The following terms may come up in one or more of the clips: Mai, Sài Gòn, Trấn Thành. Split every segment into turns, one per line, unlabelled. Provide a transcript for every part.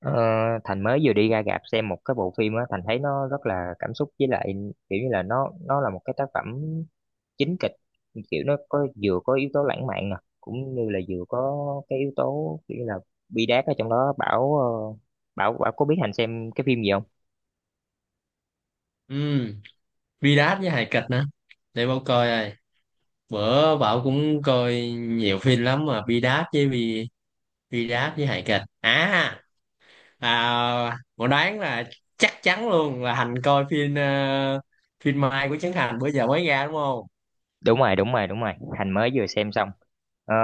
Ờ, Thành mới vừa đi ra rạp xem một cái bộ phim á, Thành thấy nó rất là cảm xúc. Với lại kiểu như là nó là một cái tác phẩm chính kịch, kiểu nó có vừa có yếu tố lãng mạn nè cũng như là vừa có cái yếu tố kiểu như là bi đát ở trong đó. Bảo, ờ, Bảo có biết Thành xem cái phim gì không?
ừ Virat với hài kịch nữa, để bảo coi ai. Bữa bảo cũng coi nhiều phim lắm mà Virat với hài kịch à? À, bảo đoán là chắc chắn luôn là Hành coi phim phim Mai của Trấn Thành bữa giờ mới ra đúng không?
Đúng rồi, đúng rồi, đúng rồi. Thành mới vừa xem xong, ờ,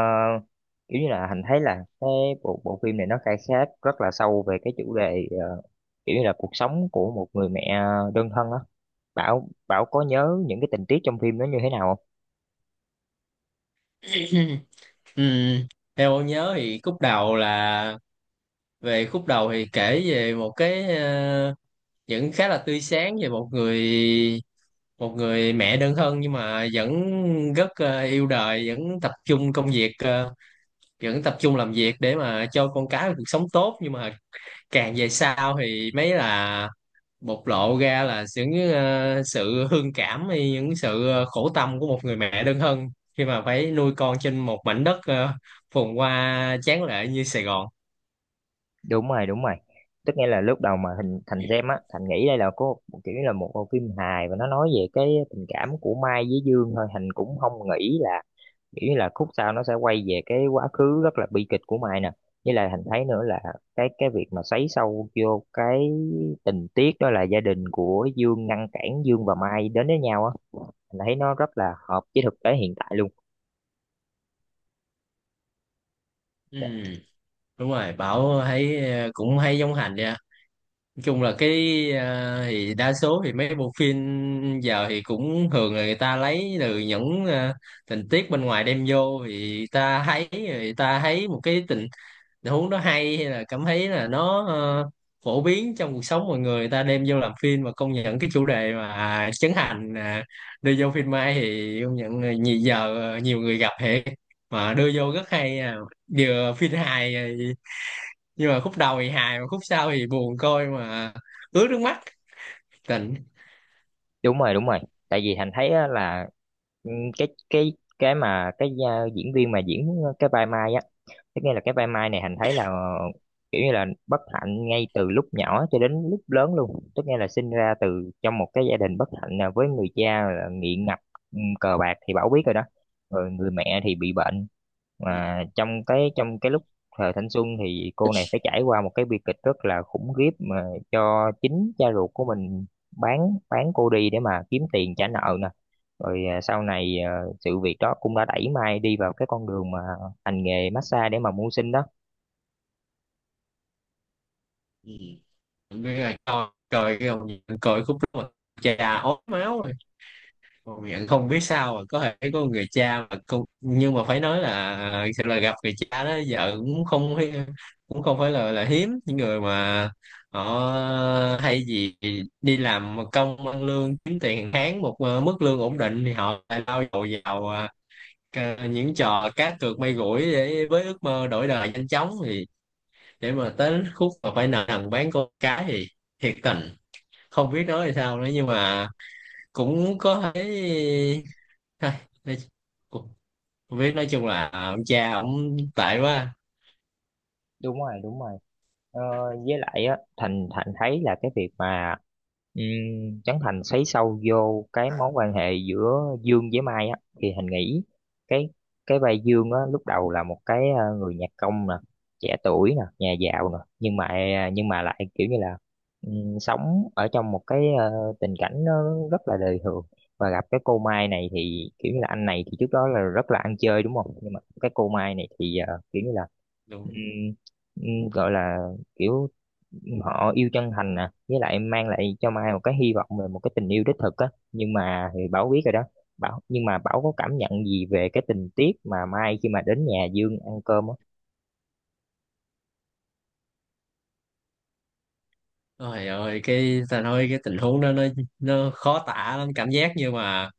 kiểu như là Thành thấy là cái bộ bộ phim này nó khai thác rất là sâu về cái chủ đề, kiểu như là cuộc sống của một người mẹ đơn thân á. Bảo Bảo có nhớ những cái tình tiết trong phim nó như thế nào không?
Ừ. Theo bảo nhớ thì khúc đầu là khúc đầu thì kể về một cái vẫn khá là tươi sáng về một người mẹ đơn thân nhưng mà vẫn rất yêu đời, vẫn tập trung công việc, vẫn tập trung làm việc để mà cho con cái một cuộc sống tốt. Nhưng mà càng về sau thì mấy là bộc lộ ra là những sự hương cảm hay những sự khổ tâm của một người mẹ đơn thân khi mà phải nuôi con trên một mảnh đất phồn hoa tráng lệ như Sài Gòn.
Đúng rồi, đúng rồi. Tức nghĩa là lúc đầu mà Thành Thành xem á, Thành nghĩ đây là có kiểu như là một bộ phim hài và nó nói về cái tình cảm của Mai với Dương thôi, Thành cũng không nghĩ là nghĩ là khúc sau nó sẽ quay về cái quá khứ rất là bi kịch của Mai nè. Với lại Thành thấy nữa là cái việc mà xoáy sâu vô cái tình tiết đó là gia đình của Dương ngăn cản Dương và Mai đến với nhau á, Thành thấy nó rất là hợp với thực tế hiện tại luôn.
Ừ,
Dạ,
đúng rồi, Bảo thấy cũng hay giống Hành đi. Nói chung là cái à, thì đa số thì mấy bộ phim giờ thì cũng thường là người ta lấy từ những à, tình tiết bên ngoài đem vô, thì ta thấy người ta thấy một cái tình tình huống đó hay, hay là cảm thấy là nó phổ biến trong cuộc sống mọi người, người ta đem vô làm phim. Và công nhận cái chủ đề mà Trấn Thành à, đưa vô phim Mai thì công nhận là nhiều giờ nhiều người gặp hệ mà đưa vô rất hay à. Vừa phim hài nhưng mà khúc đầu thì hài mà khúc sau thì buồn, coi mà ướt nước mắt tình.
đúng rồi, đúng rồi. Tại vì Thành thấy á là, ừ, cái cái cái mà cái diễn viên mà diễn cái vai Mai á. Thế nghĩa là cái vai Mai này Hành thấy là kiểu như là bất hạnh ngay từ lúc nhỏ cho đến lúc lớn luôn. Tức nghĩa là sinh ra từ trong một cái gia đình bất hạnh là với người cha là nghiện ngập, cờ bạc thì Bảo biết rồi đó. Rồi người mẹ thì bị bệnh.
Ừ,
Mà trong cái lúc thời thanh xuân thì cô này phải trải qua một cái bi kịch rất là khủng khiếp, mà cho chính cha ruột của mình bán bán cô đi để mà kiếm tiền trả nợ nè. Rồi sau này sự việc đó cũng đã đẩy Mai đi vào cái con đường mà hành nghề massage để mà mưu sinh đó.
ừ. Biết rồi, coi coi cái ông, coi khúc đó mà cha ốm máu rồi, ông nhận không biết sao mà có thể có người cha mà con, nhưng mà phải nói là thật là gặp người cha đó. Giờ cũng không cũng không phải là hiếm những người mà họ hay gì đi làm công ăn lương kiếm tiền hàng tháng một mức lương ổn định, thì họ lại lao đầu vào à, những trò cá cược may rủi để với ước mơ đổi đời nhanh chóng, thì để mà tới khúc mà phải nợ nần bán con cái thì thiệt tình không biết nói thì sao nữa. Nhưng mà cũng có thấy. Thôi, nói- cũng không biết, nói chung là ông cha ông tệ quá.
Đúng rồi, đúng rồi. Ờ, với lại á Thành Thành thấy là cái việc mà, Trấn Thành xoáy sâu vô cái mối quan hệ giữa Dương với Mai á, thì Thành nghĩ cái cái vai Dương á lúc đầu là một cái, người nhạc công nè, trẻ tuổi nè, nhà giàu nè, nhưng mà lại kiểu như là, sống ở trong một cái, tình cảnh nó rất là đời thường, và gặp cái cô Mai này thì kiểu như là anh này thì trước đó là rất là ăn chơi đúng không, nhưng mà cái cô Mai này thì, kiểu như là,
Đúng.
ừm, gọi là kiểu họ yêu chân thành nè, với lại mang lại cho Mai một cái hy vọng về một cái tình yêu đích thực á, nhưng mà thì Bảo biết rồi đó. Bảo, nhưng mà Bảo có cảm nhận gì về cái tình tiết mà Mai khi mà đến nhà Dương ăn cơm á?
Ôi ơi, cái ta nói cái tình huống đó nó khó tả lắm, cảm giác như mà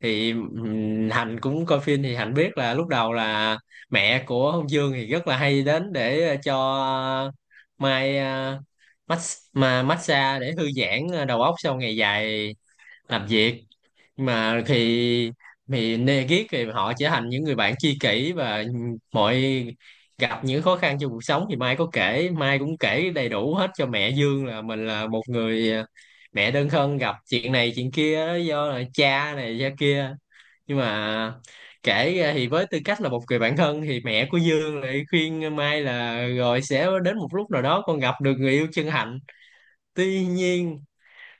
thì Hạnh cũng coi phim thì Hạnh biết là lúc đầu là mẹ của Hồng Dương thì rất là hay đến để cho Mai mà massage để thư giãn đầu óc sau ngày dài làm việc. Nhưng mà thì nê ghét thì họ trở thành những người bạn tri kỷ, và mọi gặp những khó khăn trong cuộc sống thì Mai cũng kể đầy đủ hết cho mẹ Dương là mình là một người mẹ đơn thân gặp chuyện này chuyện kia do là cha này cha kia. Nhưng mà kể ra thì với tư cách là một người bạn thân thì mẹ của Dương lại khuyên Mai là rồi sẽ đến một lúc nào đó con gặp được người yêu chân thành. Tuy nhiên,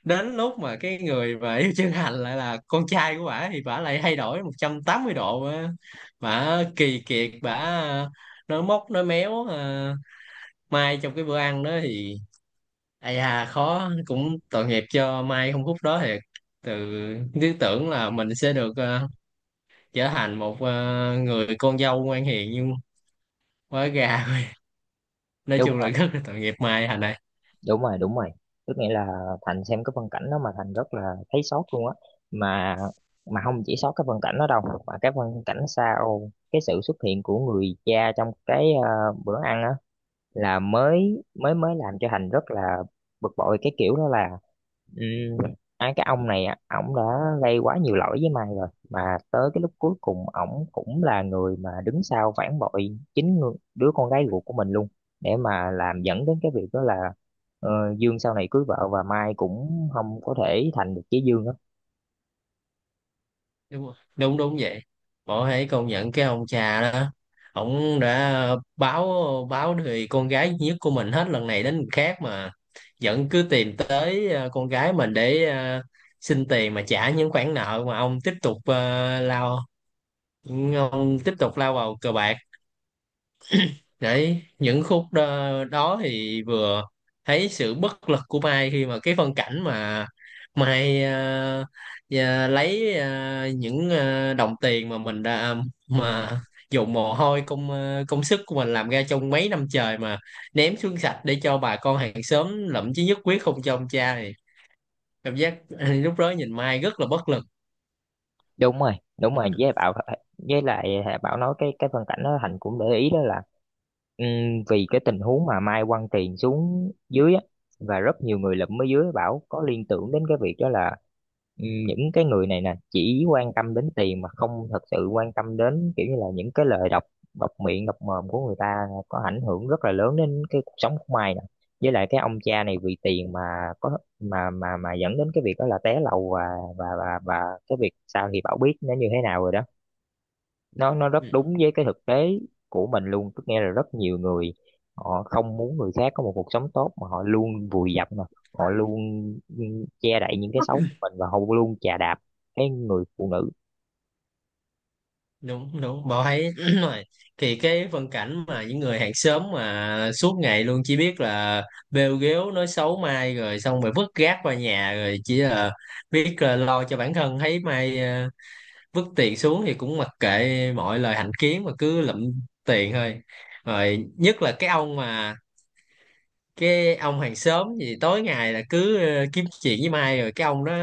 đến lúc mà cái người mà yêu chân hạnh lại là con trai của bả thì bả lại thay đổi 180 độ á. Bả kỳ kiệt, bả nói móc nói méo à. Mai trong cái bữa ăn đó thì ai à khó cũng tội nghiệp cho Mai không, phút đó thì từ cứ tưởng là mình sẽ được trở thành một người con dâu ngoan hiền, nhưng quá gà nói
Đúng
chung là
rồi,
rất là tội nghiệp Mai, Thành này.
đúng rồi, đúng rồi. Tức nghĩa là Thành xem cái phân cảnh đó mà Thành rất là thấy sót luôn á, mà mà không chỉ sót cái phân cảnh đó đâu, mà cái phân cảnh sau cái sự xuất hiện của người cha trong cái, bữa ăn á, là mới mới mới làm cho Thành rất là bực bội. Cái kiểu đó là, ừ, ai cái ông này á, ổng đã gây quá nhiều lỗi với mày rồi mà tới cái lúc cuối cùng ổng cũng là người mà đứng sau phản bội chính đứa con gái ruột của mình luôn, để mà làm dẫn đến cái việc đó là, ờ, Dương sau này cưới vợ và Mai cũng không có thể thành được với Dương á.
Đúng rồi. Đúng, đúng vậy, bỏ hãy công nhận cái ông cha đó ổng đã báo báo thì con gái duy nhất của mình hết lần này đến lần khác mà vẫn cứ tìm tới con gái mình để xin tiền mà trả những khoản nợ mà ông tiếp tục lao vào cờ bạc. Đấy, những khúc đó, đó thì vừa thấy sự bất lực của Mai khi mà cái phân cảnh mà Mai lấy những đồng tiền mà mình đã mà dùng mồ hôi công sức của mình làm ra trong mấy năm trời mà ném xuống sạch để cho bà con hàng xóm lậm chí nhất quyết không cho ông cha, thì cảm giác lúc đó nhìn Mai rất là bất lực.
Đúng rồi, đúng rồi, với Bảo, với lại Bảo nói cái phân cảnh đó Thành cũng để ý đó là, Ừm, vì cái tình huống mà Mai quăng tiền xuống dưới á, và rất nhiều người lụm ở dưới, bảo có liên tưởng đến cái việc đó là, những cái người này nè chỉ quan tâm đến tiền mà không thật sự quan tâm đến, kiểu như là những cái lời độc độc miệng độc mồm của người ta có ảnh hưởng rất là lớn đến cái cuộc sống của Mai nè. Với lại cái ông cha này vì tiền mà có mà dẫn đến cái việc đó là té lầu, và và cái việc sau thì Bảo biết nó như thế nào rồi đó. Nó rất
Ừ.
đúng với cái thực tế của mình luôn. Tức nghe là rất nhiều người họ không muốn người khác có một cuộc sống tốt, mà họ luôn vùi dập, mà họ luôn, ừ, che đậy những cái xấu của mình, và họ luôn chà đạp cái người phụ nữ.
Đúng, đúng, bảo thấy rồi thì cái phân cảnh mà những người hàng xóm mà suốt ngày luôn chỉ biết là bêu ghéo nói xấu Mai rồi xong rồi vứt rác qua nhà rồi chỉ là biết là lo cho bản thân, thấy Mai vứt tiền xuống thì cũng mặc kệ mọi lời hành kiến mà cứ lụm tiền thôi. Rồi nhất là cái ông mà cái ông hàng xóm gì tối ngày là cứ kiếm chuyện với Mai rồi cái ông đó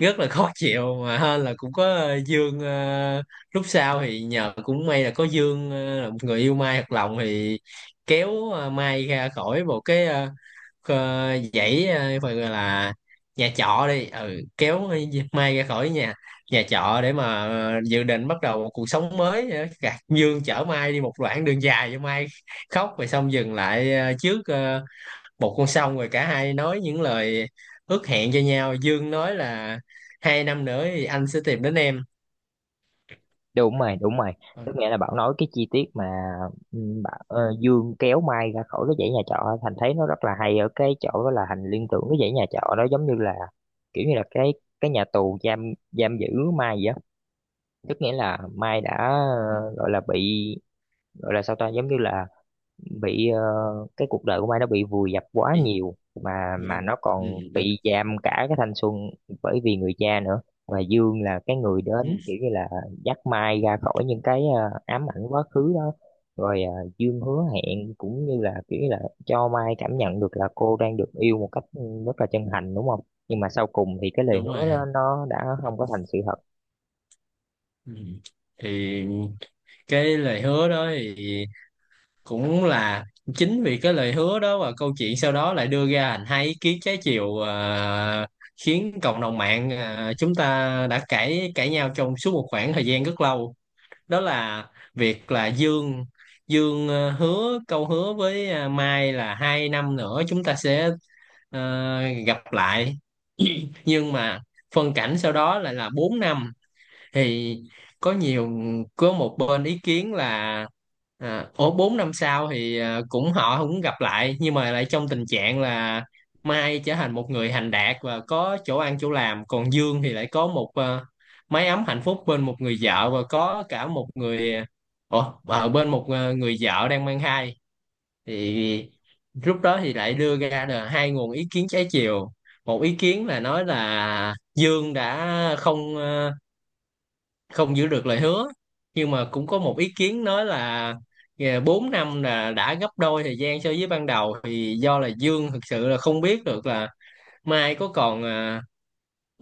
rất là khó chịu. Mà hên là cũng có Dương lúc sau thì nhờ cũng may là có Dương là một người yêu Mai thật lòng, thì kéo Mai ra khỏi một cái dãy phải gọi là nhà trọ đi, ừ, kéo Mai ra khỏi nhà nhà trọ để mà dự định bắt đầu một cuộc sống mới. Ờ, Gạt Dương chở Mai đi một đoạn đường dài cho Mai khóc rồi xong dừng lại trước một con, xong rồi cả hai nói những lời ước hẹn cho nhau. Dương nói là 2 năm nữa thì anh sẽ tìm đến em.
Đúng rồi, đúng rồi.
Ờ,
Tức nghĩa là Bảo nói cái chi tiết mà, ừ, Dương kéo Mai ra khỏi cái dãy nhà trọ, Thành thấy nó rất là hay ở cái chỗ đó là Thành liên tưởng cái dãy nhà trọ đó giống như là kiểu như là cái nhà tù giam giam giữ Mai vậy á. Tức nghĩa là Mai đã,
ừ,
gọi là bị, gọi là sao ta, giống như là bị, cái cuộc đời của Mai nó bị vùi dập quá
bị,
nhiều, mà
bị,
nó
ừ,
còn
đúng,
bị giam cả cái thanh xuân bởi vì người cha nữa. Và Dương là cái người
ừ,
đến kiểu như là dắt Mai ra khỏi những cái, ám ảnh quá khứ đó, rồi Dương hứa hẹn cũng như là kiểu như là cho Mai cảm nhận được là cô đang được yêu một cách, rất là chân thành đúng không. Nhưng mà sau cùng thì cái lời
đúng rồi
hứa
hả?
đó, nó đã không có thành sự thật.
Ừ. Thì cái lời hứa đó thì cũng là, chính vì cái lời hứa đó và câu chuyện sau đó lại đưa ra thành hai ý kiến trái chiều à, khiến cộng đồng mạng à, chúng ta đã cãi cãi nhau trong suốt một khoảng thời gian rất lâu. Đó là việc là Dương Dương hứa câu hứa với Mai là 2 năm nữa chúng ta sẽ ờ, gặp lại, nhưng mà phân cảnh sau đó lại là 4 năm. Thì có nhiều, có một bên ý kiến là à, ổ 4 năm sau thì à, cũng họ cũng gặp lại nhưng mà lại trong tình trạng là Mai trở thành một người thành đạt và có chỗ ăn chỗ làm, còn Dương thì lại có một à, mái ấm hạnh phúc bên một người vợ và có cả một người à, Ủa, ở bên một à, người vợ đang mang thai. Thì lúc đó thì lại đưa ra là hai nguồn ý kiến trái chiều. Một ý kiến là nói là Dương đã không không giữ được lời hứa, nhưng mà cũng có một ý kiến nói là yeah, 4 năm là đã gấp đôi thời gian so với ban đầu, thì do là Dương thực sự là không biết được là Mai có còn à,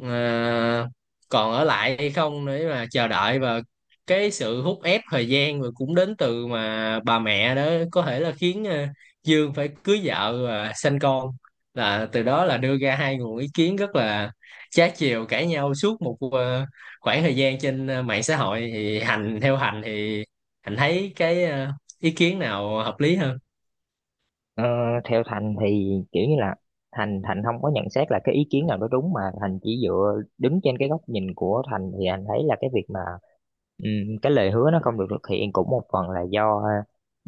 à, còn ở lại hay không để mà chờ đợi, và cái sự hút ép thời gian rồi cũng đến từ mà bà mẹ đó có thể là khiến à, Dương phải cưới vợ và sanh con. Là từ đó là đưa ra hai nguồn ý kiến rất là trái chiều, cãi nhau suốt một à, khoảng thời gian trên à, mạng xã hội. Thì Hành, theo Hành thì Hành thấy cái à, ý kiến nào hợp lý hơn?
Ờ, Theo Thành thì kiểu như là Thành Thành không có nhận xét là cái ý kiến nào đó đúng, mà Thành chỉ dựa đứng trên cái góc nhìn của Thành, thì anh thấy là cái việc mà, cái lời hứa nó không được thực hiện cũng một phần là do,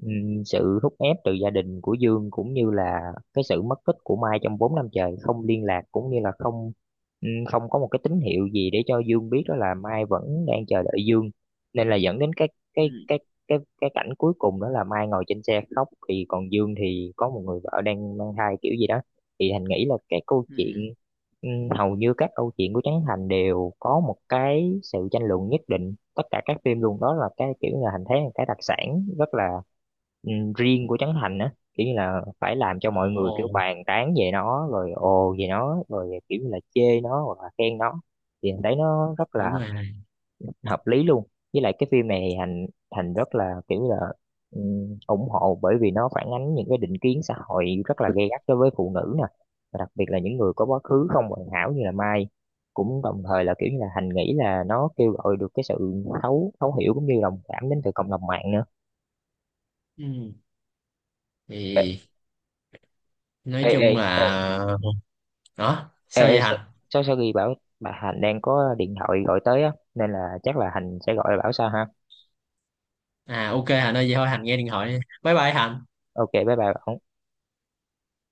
sự thúc ép từ gia đình của Dương, cũng như là cái sự mất tích của Mai trong 4 năm trời không liên lạc, cũng như là không, không có một cái tín hiệu gì để cho Dương biết đó là Mai vẫn đang chờ đợi Dương, nên là dẫn đến
Ừ.
cái cái cái cảnh cuối cùng đó là Mai ngồi trên xe khóc, thì còn Dương thì có một người vợ đang mang thai kiểu gì đó. Thì Thành nghĩ là cái câu
Ừ,
chuyện,
ừ.
ừ, hầu như các câu chuyện của Trấn Thành đều có một cái sự tranh luận nhất định, tất cả các phim luôn, đó là cái kiểu là Thành thấy là cái đặc sản rất là, ừ, riêng của Trấn Thành á, kiểu như là phải làm cho mọi người
Ồ,
kiểu bàn tán về nó rồi ồ về nó rồi kiểu như là chê nó hoặc là khen nó, thì Thành thấy nó rất là
đúng rồi.
hợp lý luôn. Với lại cái phim này thì thành thành rất là kiểu là, ủng hộ, bởi vì nó phản ánh những cái định kiến xã hội rất là gay gắt đối với phụ nữ nè, và đặc biệt là những người có quá khứ không hoàn hảo như là Mai, cũng đồng thời là kiểu như là Thành nghĩ là nó kêu gọi được cái sự thấu thấu hiểu cũng như đồng cảm đến từ cộng đồng mạng nữa.
Ừ. Thì nói
Ê, ê,
chung
ê,
là, đó
ê,
sao
ê
vậy
sao,
Hạnh?
sao sao ghi bảo, bà Hành đang có điện thoại gọi tới á, nên là chắc là Hành sẽ gọi bảo sao ha.
À ok Hạnh ơi, vậy thôi Hạnh nghe điện thoại đi. Bye bye Hạnh.
Ok, bye bye Bảo.